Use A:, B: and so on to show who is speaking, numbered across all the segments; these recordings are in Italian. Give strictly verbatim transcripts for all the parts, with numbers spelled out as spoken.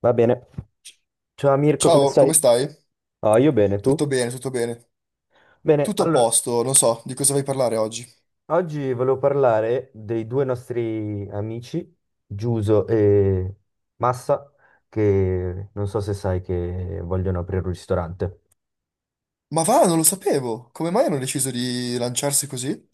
A: Va bene. Ciao Mirko, come
B: Ciao,
A: stai?
B: come stai?
A: Ah, io bene,
B: Tutto
A: tu?
B: bene, tutto bene.
A: Bene,
B: Tutto a
A: allora,
B: posto, non so di cosa vai a parlare oggi.
A: oggi volevo parlare dei due nostri amici, Giuso e Massa, che non so se sai che vogliono aprire un ristorante.
B: Ma va, non lo sapevo. Come mai hanno deciso di lanciarsi così?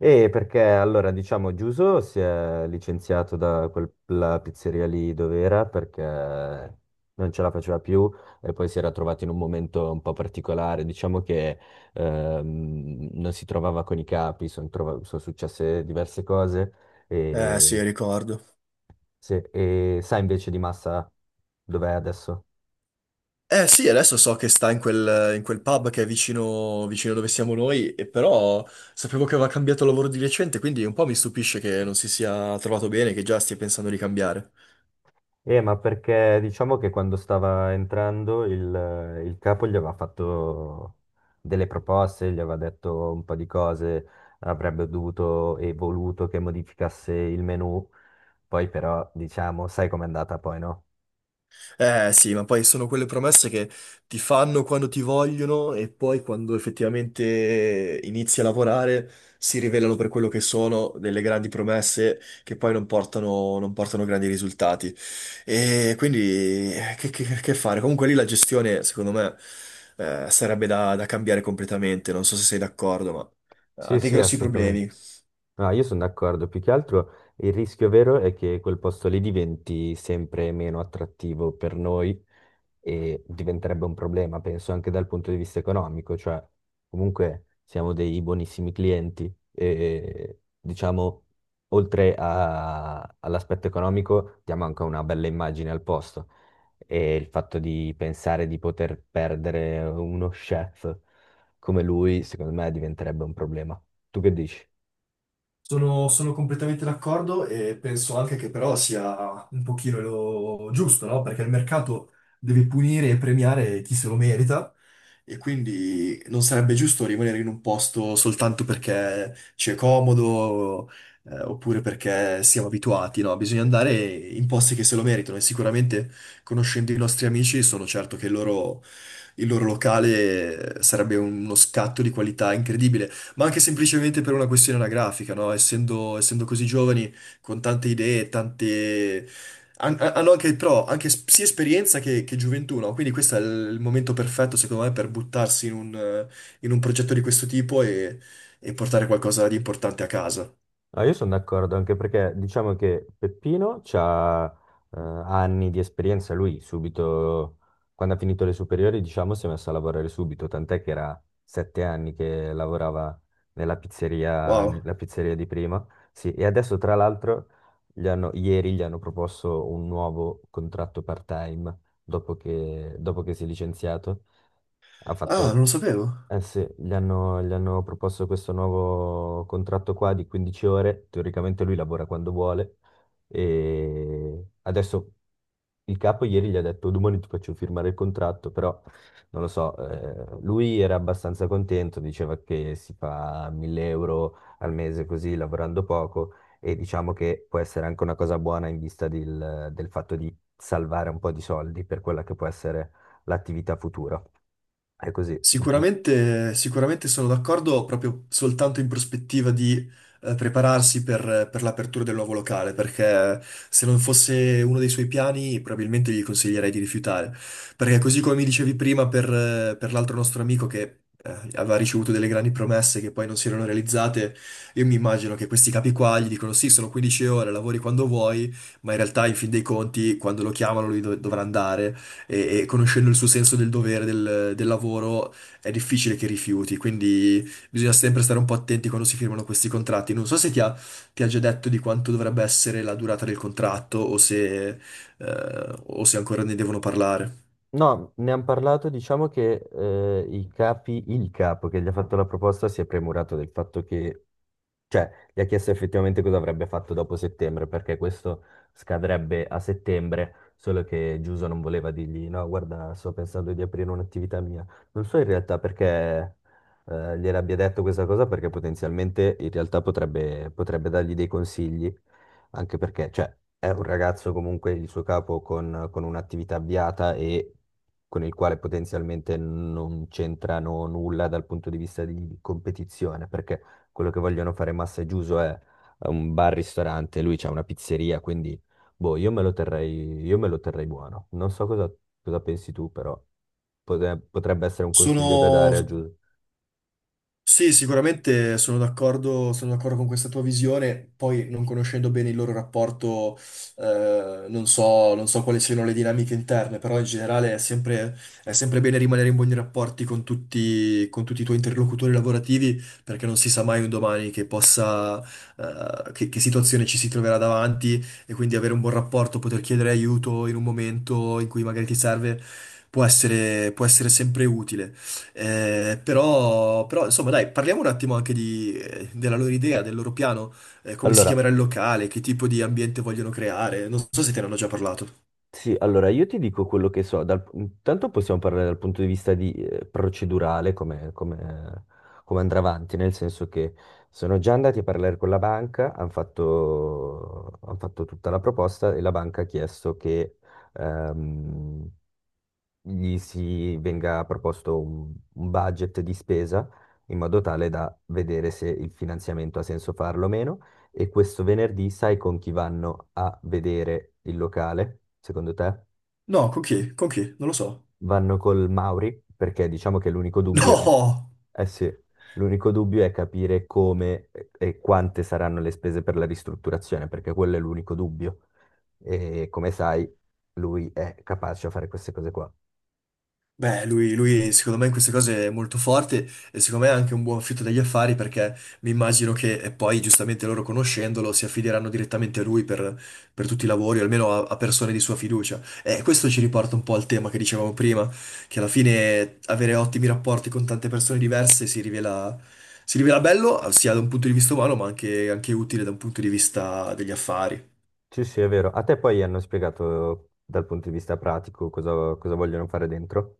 A: E perché allora diciamo Giuso si è licenziato da quella pizzeria lì dove era perché non ce la faceva più e poi si era trovato in un momento un po' particolare, diciamo che ehm, non si trovava con i capi, son trova- sono successe diverse cose
B: Eh
A: e,
B: sì, ricordo.
A: sì, e sa invece di Massa dov'è adesso?
B: Eh sì, adesso so che sta in quel, in quel pub che è vicino, vicino dove siamo noi, e però sapevo che aveva cambiato lavoro di recente, quindi un po' mi stupisce che non si sia trovato bene, che già stia pensando di cambiare.
A: Eh, ma perché diciamo che quando stava entrando il, il capo gli aveva fatto delle proposte, gli aveva detto un po' di cose, avrebbe dovuto e voluto che modificasse il menu, poi però diciamo, sai com'è andata poi, no?
B: Eh sì, ma poi sono quelle promesse che ti fanno quando ti vogliono e poi quando effettivamente inizi a lavorare si rivelano per quello che sono delle grandi promesse che poi non portano, non portano grandi risultati. E quindi eh, che, che- che fare? Comunque lì la gestione, secondo me, eh, sarebbe da, da cambiare completamente. Non so se sei d'accordo, ma ha
A: Sì,
B: dei
A: sì,
B: grossi
A: assolutamente.
B: problemi.
A: No, io sono d'accordo, più che altro il rischio vero è che quel posto lì diventi sempre meno attrattivo per noi e diventerebbe un problema, penso anche dal punto di vista economico, cioè comunque siamo dei buonissimi clienti e diciamo oltre a- all'aspetto economico diamo anche una bella immagine al posto e il fatto di pensare di poter perdere uno chef come lui secondo me diventerebbe un problema. Tu che dici?
B: Sono, sono completamente d'accordo e penso anche che però sia un pochino lo giusto, no? Perché il mercato deve punire e premiare chi se lo merita e quindi non sarebbe giusto rimanere in un posto soltanto perché ci è comodo, eh, oppure perché siamo abituati, no? Bisogna andare in posti che se lo meritano e sicuramente conoscendo i nostri amici sono certo che il loro il loro locale sarebbe uno scatto di qualità incredibile. Ma anche semplicemente per una questione anagrafica, no? Essendo, essendo così giovani, con tante idee, tante... han- Hanno anche, però, anche s- sia esperienza che, che gioventù, no? Quindi questo è il il momento perfetto, secondo me, per buttarsi in un, eh, in un progetto di questo tipo e, e portare qualcosa di importante a casa.
A: No, io sono d'accordo, anche perché diciamo che Peppino ha anni di esperienza, lui subito, quando ha finito le superiori, diciamo, si è messo a lavorare subito, tant'è che era sette anni che lavorava nella pizzeria,
B: Wow.
A: nella pizzeria di prima, sì, e adesso tra l'altro gli hanno- ieri gli hanno proposto un nuovo contratto part-time dopo che, dopo che si è licenziato, Ha fatto
B: Ah, non lo sapevo.
A: eh sì, gli hanno, gli hanno proposto questo nuovo contratto qua di quindici ore, teoricamente lui lavora quando vuole e adesso il capo ieri gli ha detto domani ti faccio firmare il contratto, però non lo so, eh, lui era abbastanza contento, diceva che si fa mille euro al mese così lavorando poco e diciamo che può essere anche una cosa buona in vista del del fatto di salvare un po' di soldi per quella che può essere l'attività futura. È così. Mm, mm.
B: Sicuramente, sicuramente sono d'accordo proprio soltanto in prospettiva di eh, prepararsi per, per l'apertura del nuovo locale, perché se non fosse uno dei suoi piani probabilmente gli consiglierei di rifiutare. Perché così come mi dicevi prima per, eh, per l'altro nostro amico che eh, aveva ricevuto delle grandi promesse che poi non si erano realizzate, io mi immagino che questi capi qua gli dicono sì, sono quindici ore, lavori quando vuoi, ma in realtà in fin dei conti quando lo chiamano lui dov- dovrà andare e, e conoscendo il suo senso del dovere, del, del lavoro, è difficile che rifiuti, quindi bisogna sempre stare un po' attenti quando si firmano questi contratti. Non so se ti ha, ti ha già detto di quanto dovrebbe essere la durata del contratto o se, eh, o se ancora ne devono parlare.
A: No, ne hanno parlato, diciamo che eh, i capi, il capo che gli ha fatto la proposta si è premurato del fatto che cioè, gli ha chiesto effettivamente cosa avrebbe fatto dopo settembre, perché questo scadrebbe a settembre, solo che Giuso non voleva dirgli, no, guarda, sto pensando di aprire un'attività mia. Non so in realtà perché eh, gliel'abbia detto questa cosa, perché potenzialmente in realtà potrebbe, potrebbe dargli dei consigli, anche perché, cioè, è un ragazzo comunque il suo capo con, con un'attività avviata e con il quale potenzialmente non c'entrano nulla dal punto di vista di competizione, perché quello che vogliono fare Massa e Giuso è un bar-ristorante, lui c'ha una pizzeria, quindi boh, io me lo terrei, io me lo terrei buono. Non so cosa, cosa pensi tu, però potre- potrebbe essere un consiglio da
B: Sono
A: dare a Giuso.
B: Sì, sicuramente sono d'accordo, sono d'accordo con questa tua visione, poi non conoscendo bene il loro rapporto, eh, non so, non so quali siano le dinamiche interne, però in generale è sempre, è sempre bene rimanere in buoni rapporti con tutti, con tutti i tuoi interlocutori lavorativi, perché non si sa mai un domani che possa, eh, che, che situazione ci si troverà davanti e quindi avere un buon rapporto, poter chiedere aiuto in un momento in cui magari ti serve, può essere, può essere sempre utile. Eh, però, però, insomma, dai, parliamo un attimo anche di- eh, della loro idea, del loro piano, eh, come si
A: Allora,
B: chiamerà il locale, che tipo di ambiente vogliono creare. Non so se te ne hanno già parlato.
A: sì, allora io ti dico quello che so. Dal, intanto possiamo parlare dal punto di vista di, eh, procedurale, come, come- come andrà avanti, nel senso che sono già andati a parlare con la banca, hanno fatto, han fatto tutta la proposta e la banca ha chiesto che ehm, gli si venga proposto un, un budget di spesa in modo tale da vedere se il finanziamento ha senso farlo o meno. E questo venerdì sai con chi vanno a vedere il locale, secondo te?
B: No, con chi? Con chi? Non lo so.
A: Vanno col Mauri, perché diciamo che l'unico dubbio è,
B: No!
A: eh sì, l'unico dubbio è capire come e quante saranno le spese per la ristrutturazione, perché quello è l'unico dubbio. E come sai, lui è capace a fare queste cose qua.
B: Beh, lui, lui, secondo me in queste cose è molto forte e secondo me è anche un buon fitto degli affari perché mi immagino che e poi giustamente loro conoscendolo si affideranno direttamente a lui per, per tutti i lavori, o almeno a, a persone di sua fiducia. E questo ci riporta un po' al tema che dicevamo prima, che alla fine avere ottimi rapporti con tante persone diverse si rivela, si rivela bello sia da un punto di vista umano ma anche anche utile da un punto di vista degli affari.
A: Sì, sì, è vero. A te poi hanno spiegato dal punto di vista pratico cosa, cosa vogliono fare dentro?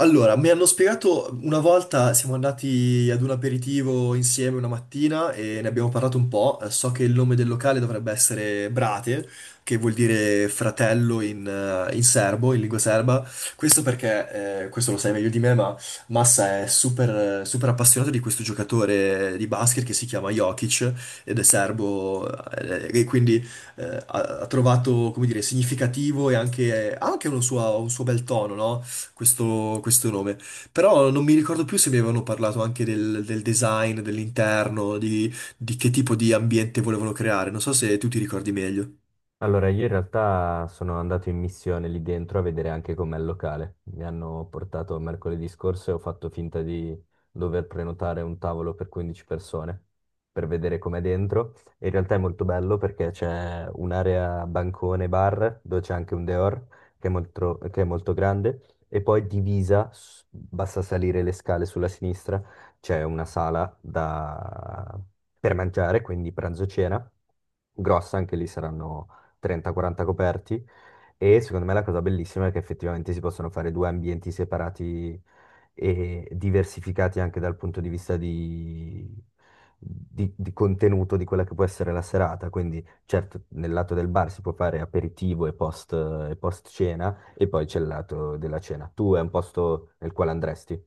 B: Allora, mi hanno spiegato una volta, siamo andati ad un aperitivo insieme una mattina e ne abbiamo parlato un po'. Eh, So che il nome del locale dovrebbe essere Brate, che vuol dire fratello in, eh, in serbo, in lingua serba. Questo perché, eh, questo lo sai meglio di me, ma Massa è super, eh, super appassionato di questo giocatore di basket che si chiama Jokic ed è serbo, eh, e quindi eh, ha, ha trovato, come dire, significativo e anche, ha anche un suo, un suo bel tono, no? questo, questo nome. Però non mi ricordo più se mi avevano parlato anche del, del design, dell'interno, di, di che tipo di ambiente volevano creare. Non so se tu ti ricordi meglio.
A: Allora, io in realtà sono andato in missione lì dentro a vedere anche com'è il locale. Mi hanno portato mercoledì scorso e ho fatto finta di dover prenotare un tavolo per quindici persone per vedere com'è dentro. E in realtà è molto bello perché c'è un'area bancone bar dove c'è anche un dehors che è molto, che è molto grande e poi divisa, s- basta salire le scale sulla sinistra, c'è una sala da- per mangiare, quindi pranzo-cena grossa, anche lì saranno trenta quaranta coperti e secondo me la cosa bellissima è che effettivamente si possono fare due ambienti separati e diversificati anche dal punto di vista di, di- di contenuto di quella che può essere la serata. Quindi, certo, nel lato del bar si può fare aperitivo e post, e post cena, e poi c'è il lato della cena. Tu è un posto nel quale andresti?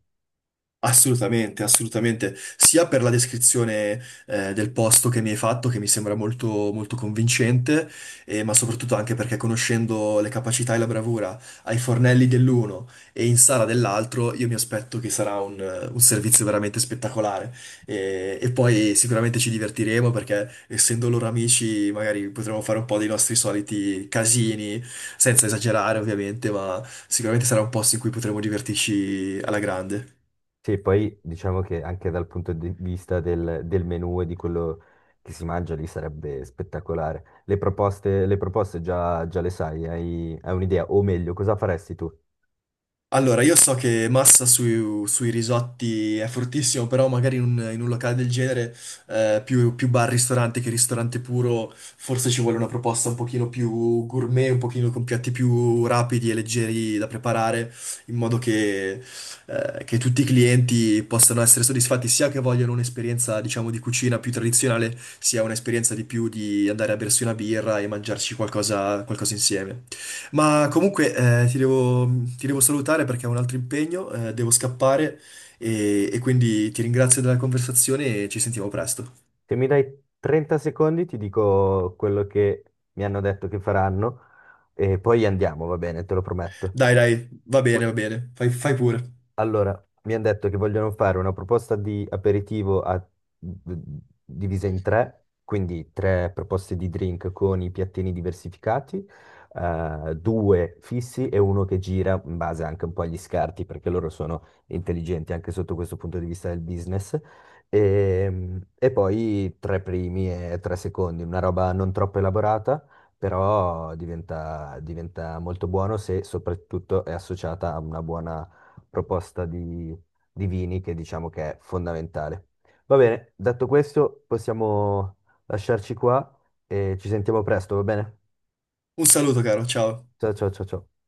B: Assolutamente, assolutamente, sia per la descrizione eh, del posto che mi hai fatto, che mi sembra molto, molto convincente, eh, ma soprattutto anche perché conoscendo le capacità e la bravura ai fornelli dell'uno e in Sara dell'altro, io mi aspetto che sarà un, eh, un servizio veramente spettacolare. E, e poi sicuramente ci divertiremo perché essendo loro amici, magari potremo fare un po' dei nostri soliti casini, senza esagerare ovviamente, ma sicuramente sarà un posto in cui potremo divertirci alla grande.
A: Sì, poi diciamo che anche dal punto di vista del, del menù e di quello che si mangia lì sarebbe spettacolare. Le proposte, le proposte già, già le sai, hai, hai un'idea, o meglio, cosa faresti tu?
B: Allora, io so che Massa sui, sui risotti è fortissimo, però magari in un, in un locale del genere, eh, più, più bar-ristorante che ristorante puro, forse ci vuole una proposta un pochino più gourmet, un pochino con piatti più rapidi e leggeri da preparare, in modo che, eh, che tutti i clienti possano essere soddisfatti, sia che vogliono un'esperienza, diciamo, di cucina più tradizionale, sia un'esperienza di più di andare a bersi una birra e mangiarci qualcosa, qualcosa insieme. Ma comunque eh, ti devo, ti devo salutare perché ho un altro impegno, eh, devo scappare e, e quindi ti ringrazio della conversazione e ci sentiamo presto.
A: Se mi dai trenta secondi ti dico quello che mi hanno detto che faranno e poi andiamo, va bene, te lo prometto.
B: Dai, dai, va bene,
A: Ul-
B: va bene, fai, fai pure.
A: Allora, mi hanno detto che vogliono fare una proposta di aperitivo a- divisa in tre, quindi tre proposte di drink con i piattini diversificati, eh, due fissi e uno che gira in base anche un po' agli scarti, perché loro sono intelligenti anche sotto questo punto di vista del business. E, e poi tre primi e tre secondi, una roba non troppo elaborata, però diventa, diventa molto buono se soprattutto è associata a una buona proposta di, di vini che diciamo che è fondamentale. Va bene, detto questo, possiamo lasciarci qua e ci sentiamo presto, va bene?
B: Un saluto, caro, ciao.
A: Ciao ciao ciao ciao.